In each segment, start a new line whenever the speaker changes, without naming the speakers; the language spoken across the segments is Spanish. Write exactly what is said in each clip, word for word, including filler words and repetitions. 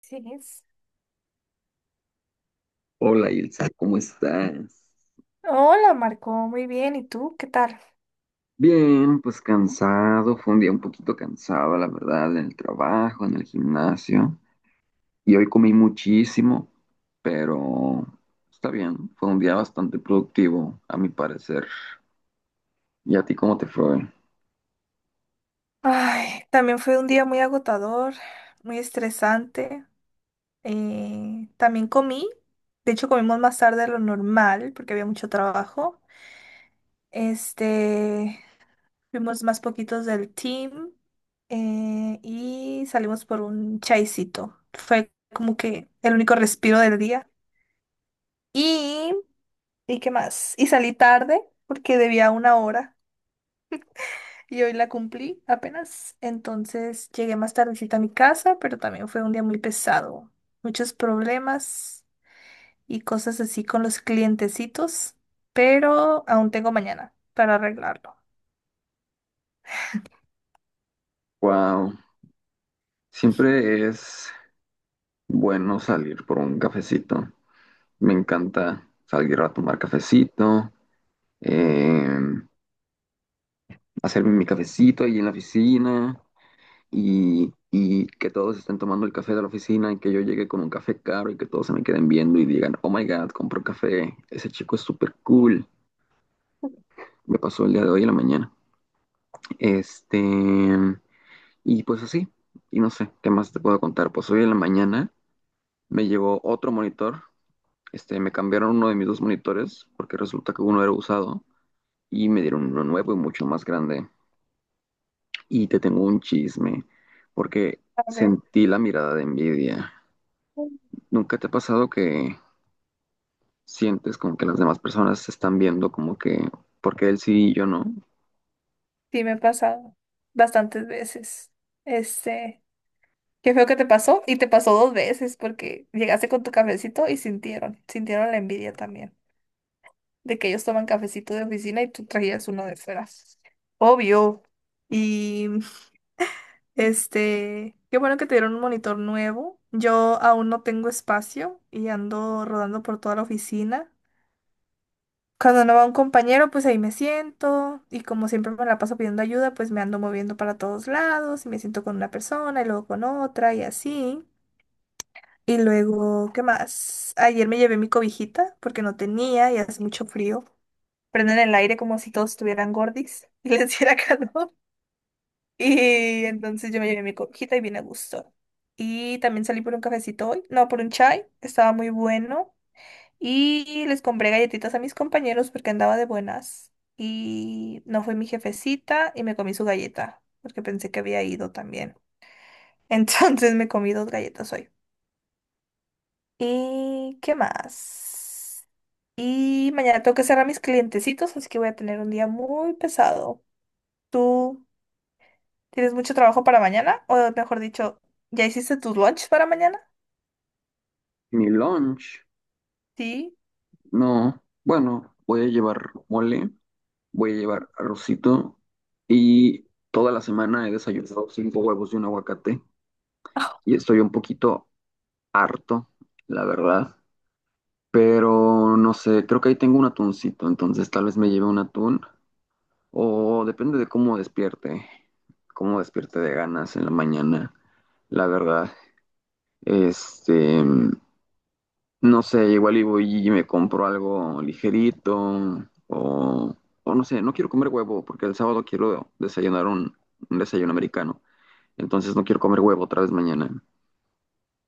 Sí. Es.
Hola, Ilsa, ¿cómo estás?
Hola, Marco, muy bien. ¿Y tú? ¿Qué tal?
Bien, pues cansado, fue un día un poquito cansado, la verdad, en el trabajo, en el gimnasio. Y hoy comí muchísimo, pero está bien, fue un día bastante productivo, a mi parecer. ¿Y a ti cómo te fue?
Ay, también fue un día muy agotador, muy estresante. Eh, también comí, de hecho comimos más tarde de lo normal porque había mucho trabajo. Este, Fuimos más poquitos del team eh, y salimos por un chaisito. Fue como que el único respiro del día. Y, ¿Y qué más? Y salí tarde porque debía una hora. Y hoy la cumplí apenas, entonces llegué más tardecita a mi casa, pero también fue un día muy pesado. Muchos problemas y cosas así con los clientecitos, pero aún tengo mañana para arreglarlo.
Wow, siempre es bueno salir por un cafecito. Me encanta salir a tomar cafecito, eh, hacerme mi cafecito ahí en la oficina. y, y que todos estén tomando el café de la oficina y que yo llegue con un café caro y que todos se me queden viendo y digan, oh my God, compró café, ese chico es súper cool. Me pasó el día de hoy en la mañana. Este, y pues así, y no sé, ¿qué más te puedo contar? Pues hoy en la mañana me llegó otro monitor, este, me cambiaron uno de mis dos monitores porque resulta que uno era usado y me dieron uno nuevo y mucho más grande. Y te tengo un chisme porque
A ver,
sentí la mirada de envidia. ¿Nunca te ha pasado que sientes como que las demás personas se están viendo como que, porque él sí y yo no?
sí me ha pasado bastantes veces. Este, Qué feo que te pasó, y te pasó dos veces porque llegaste con tu cafecito y sintieron, sintieron la envidia también de que ellos toman cafecito de oficina y tú traías uno de fuera. Obvio. Y Este, qué bueno que te dieron un monitor nuevo. Yo aún no tengo espacio y ando rodando por toda la oficina. Cuando no va un compañero, pues ahí me siento, y como siempre me la paso pidiendo ayuda, pues me ando moviendo para todos lados y me siento con una persona y luego con otra y así. Y luego, ¿qué más? Ayer me llevé mi cobijita porque no tenía y hace mucho frío. Prenden el aire como si todos estuvieran gordis y les diera calor. Y entonces yo me llevé mi cojita y bien a gusto. Y también salí por un cafecito hoy, no, por un chai, estaba muy bueno. Y les compré galletitas a mis compañeros porque andaba de buenas. Y no fue mi jefecita y me comí su galleta porque pensé que había ido también. Entonces me comí dos galletas hoy. ¿Y qué más? Y mañana tengo que cerrar mis clientecitos, así que voy a tener un día muy pesado. ¿Tú? ¿Tienes mucho trabajo para mañana? O mejor dicho, ¿ya hiciste tus lunch para mañana?
Mi lunch,
Sí.
no. Bueno, voy a llevar mole, voy a llevar arrocito y toda la semana he desayunado cinco huevos y un aguacate y estoy un poquito harto, la verdad. Pero no sé, creo que ahí tengo un atuncito, entonces tal vez me lleve un atún. O depende de cómo despierte, cómo despierte de ganas en la mañana, la verdad. Este, no sé, igual y voy y me compro algo ligerito o, o no sé, no quiero comer huevo porque el sábado quiero desayunar un, un desayuno americano. Entonces no quiero comer huevo otra vez mañana.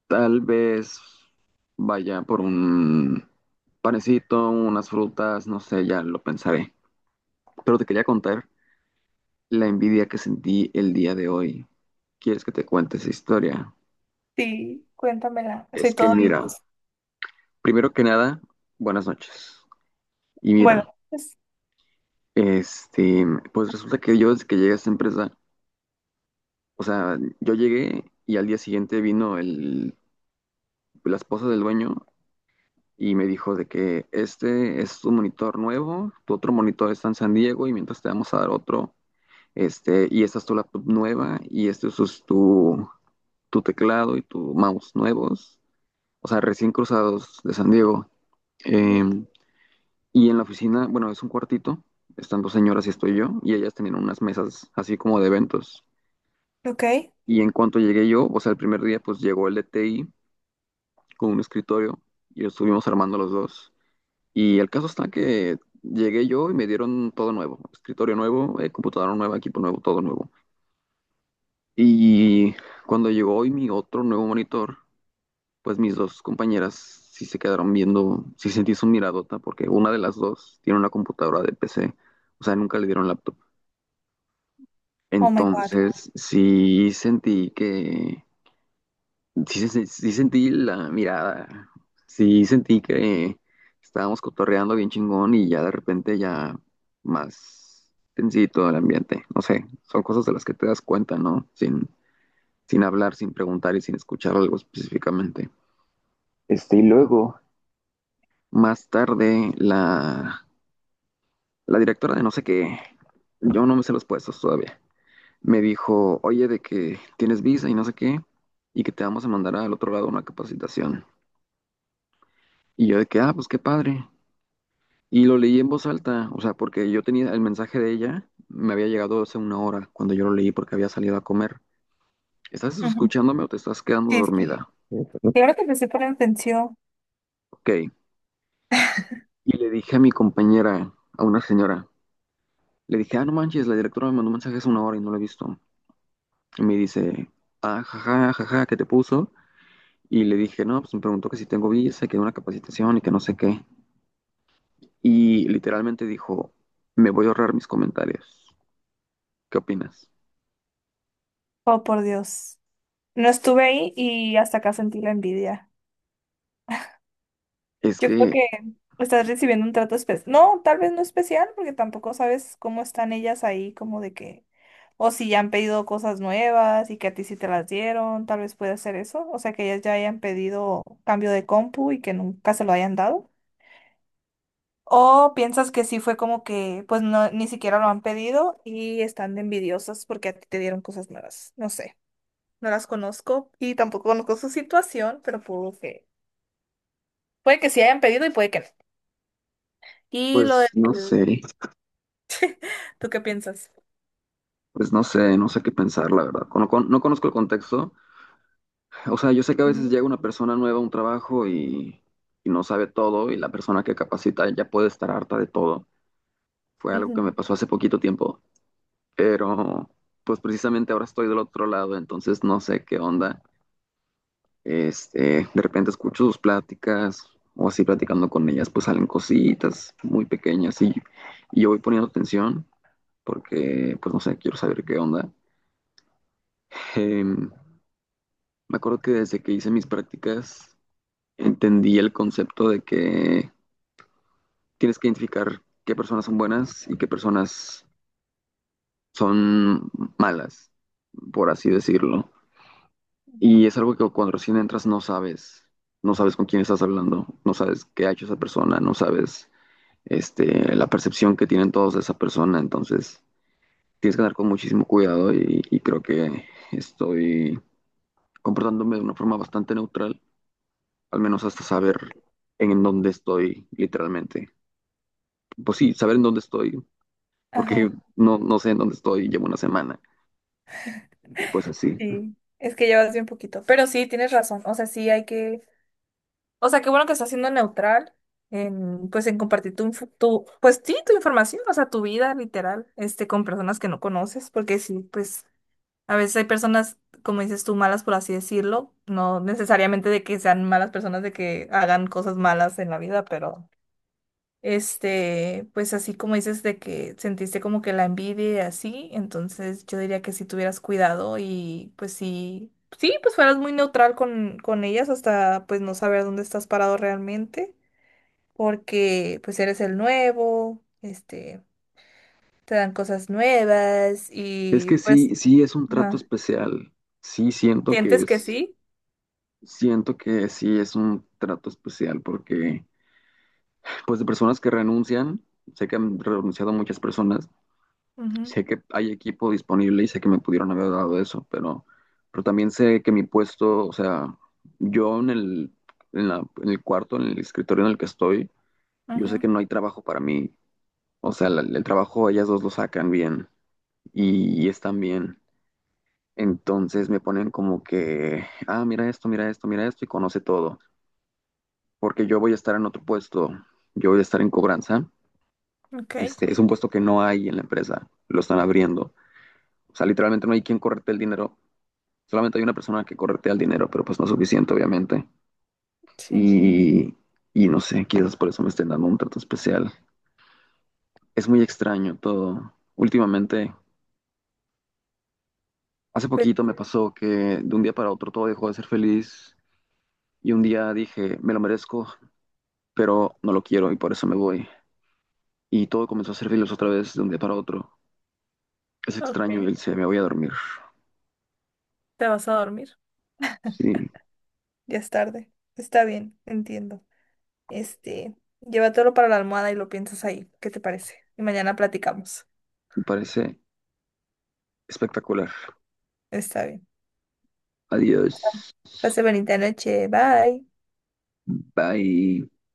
Tal vez vaya por un panecito, unas frutas, no sé, ya lo pensaré. Pero te quería contar la envidia que sentí el día de hoy. ¿Quieres que te cuente esa historia?
Sí, cuéntamela.
Es
Soy
que
todo
mira,
oídos.
primero que nada, buenas noches. Y
Bueno,
mira,
pues,
este, pues resulta que yo desde que llegué a esta empresa, o sea, yo llegué y al día siguiente vino el, la esposa del dueño y me dijo de que este es tu monitor nuevo, tu otro monitor está en San Diego y mientras te vamos a dar otro, este, y esta es tu laptop nueva y este es tu, tu teclado y tu mouse nuevos, o sea, recién cruzados de San Diego.
ujú.
Em, y en la oficina, bueno, es un cuartito, están dos señoras y estoy yo, y ellas tenían unas mesas así como de eventos.
Ok.
Y en cuanto llegué yo, o sea, el primer día, pues llegó el D T I con un escritorio y lo estuvimos armando los dos. Y el caso está que llegué yo y me dieron todo nuevo, escritorio nuevo, eh, computadora nueva, equipo nuevo, todo nuevo. Y cuando llegó hoy mi otro nuevo monitor, pues mis dos compañeras sí se quedaron viendo, sí sentí su miradota, porque una de las dos tiene una computadora de P C, o sea, nunca le dieron laptop.
Oh my God.
Entonces, sí sentí que, sí, se- sí sentí la mirada, sí sentí que estábamos cotorreando bien chingón y ya de repente ya más tensito el ambiente, no sé, son cosas de las que te das cuenta, ¿no? Sin, sin hablar, sin preguntar y sin escuchar algo específicamente. Este, y luego. Más tarde, la, la directora de no sé qué, yo no me sé los puestos todavía, me dijo, oye, de que tienes visa y no sé qué, y que te vamos a mandar al otro lado a una capacitación. Y yo de que, ah, pues qué padre. Y lo leí en voz alta, o sea, porque yo tenía el mensaje de ella, me había llegado hace una hora cuando yo lo leí porque había salido a comer. ¿Estás
Ujú.
escuchándome o te estás quedando
Sí, es que-
dormida?
Claro que empecé por atención.
Ok. Y le dije a mi compañera, a una señora, le dije, ah, no manches, la directora me mandó un mensaje hace una hora y no lo he visto. Y me dice, ah, jaja, jaja, ¿qué te puso? Y le dije, no, pues me preguntó que si tengo visa, que una capacitación y que no sé qué. Y literalmente dijo, me voy a ahorrar mis comentarios. ¿Qué opinas?
Oh, por Dios. No estuve ahí y hasta acá sentí la envidia.
Es
Yo creo
que,
que estás recibiendo un trato especial. No, tal vez no especial, porque tampoco sabes cómo están ellas ahí, como de que, o si ya han pedido cosas nuevas y que a ti sí te las dieron, tal vez puede ser eso. O sea, que ellas ya hayan pedido cambio de compu y que nunca se lo hayan dado. O piensas que sí fue como que, pues no, ni siquiera lo han pedido y están de envidiosas porque a ti te dieron cosas nuevas. No sé, no las conozco y tampoco conozco su situación, pero puedo que, puede que sí hayan pedido y puede que no. Y lo del
pues no sé,
¿Tú qué piensas?
pues no sé, no sé qué pensar, la verdad. Con- con- no conozco el contexto. O sea, yo sé que a veces
Ujú,
llega una persona nueva a un trabajo y, y no sabe todo y la persona que capacita ya puede estar harta de todo. Fue algo que
ujú,
me pasó hace poquito tiempo, pero pues precisamente ahora estoy del otro lado, entonces no sé qué onda. Este, de repente escucho sus pláticas o así platicando con ellas, pues salen cositas muy pequeñas y, y yo voy poniendo atención porque pues no sé, quiero saber qué onda. Em, Me acuerdo que desde que hice mis prácticas entendí el concepto de que tienes que identificar qué personas son buenas y qué personas son malas, por así decirlo.
ujú,
Y es algo que cuando recién entras no sabes, no sabes con quién estás hablando, no sabes qué ha hecho esa persona, no sabes, este, la percepción que tienen todos de esa persona, entonces tienes que andar con muchísimo cuidado y, y creo que estoy comportándome de una forma bastante neutral, al menos hasta
ok.
saber en dónde estoy literalmente. Pues sí, saber en dónde estoy, porque
Ajá,
no, no sé en dónde estoy, llevo una semana y pues así.
sí. Es que llevas bien poquito. Pero sí, tienes razón. O sea, sí hay que. O sea, qué bueno que estás siendo neutral en, pues, en compartir tu, info- tu, pues sí, tu información, o sea, tu vida literal, este, con personas que no conoces, porque sí, pues, a veces hay personas, como dices tú, malas, por así decirlo, no necesariamente de que sean malas personas, de que hagan cosas malas en la vida, pero este, pues así como dices de que sentiste como que la envidia y así, entonces yo diría que si tuvieras cuidado y pues sí, sí, pues fueras muy neutral con, con ellas hasta pues no saber dónde estás parado realmente, porque pues eres el nuevo, este, te dan cosas nuevas
Es
y
que
pues,
sí, sí es un trato
ajá,
especial, sí siento que
sientes que
es.
sí.
Siento que sí es un trato especial porque, pues, de personas que renuncian, sé que han renunciado muchas personas,
Ujú,
sé que hay equipo disponible y sé que me pudieron haber dado eso, pero, pero también sé que mi puesto, o sea, yo en el, en la- en el cuarto, en el escritorio en el que estoy, yo sé que no hay trabajo para mí, o sea, la- el trabajo ellas dos lo sacan bien y, y están bien. Entonces me ponen como que, ah, mira esto, mira esto, mira esto y conoce todo. Porque yo voy a estar en otro puesto, yo voy a estar en cobranza.
ujú, ok,
Este, es un puesto que no hay en la empresa, lo están abriendo. O sea, literalmente no hay quien correte el dinero, solamente hay una persona que corretea el dinero, pero pues no es suficiente, obviamente.
sí,
Y, y no sé, quizás por eso me estén dando un trato especial. Es muy extraño todo. Últimamente, hace
pues
poquito me pasó que de un día para otro todo dejó de ser feliz y un día dije, me lo merezco, pero no lo quiero y por eso me voy. Y todo comenzó a ser feliz otra vez de un día para otro. Es
ok,
extraño y él se me voy a dormir.
te vas a dormir,
Sí,
ya es tarde, está bien, entiendo. Este, llévatelo para la almohada y lo piensas ahí. ¿Qué te parece? Y mañana platicamos.
me parece espectacular.
Está bien.
Adiós.
Pase bonita noche. Bye.
Bye.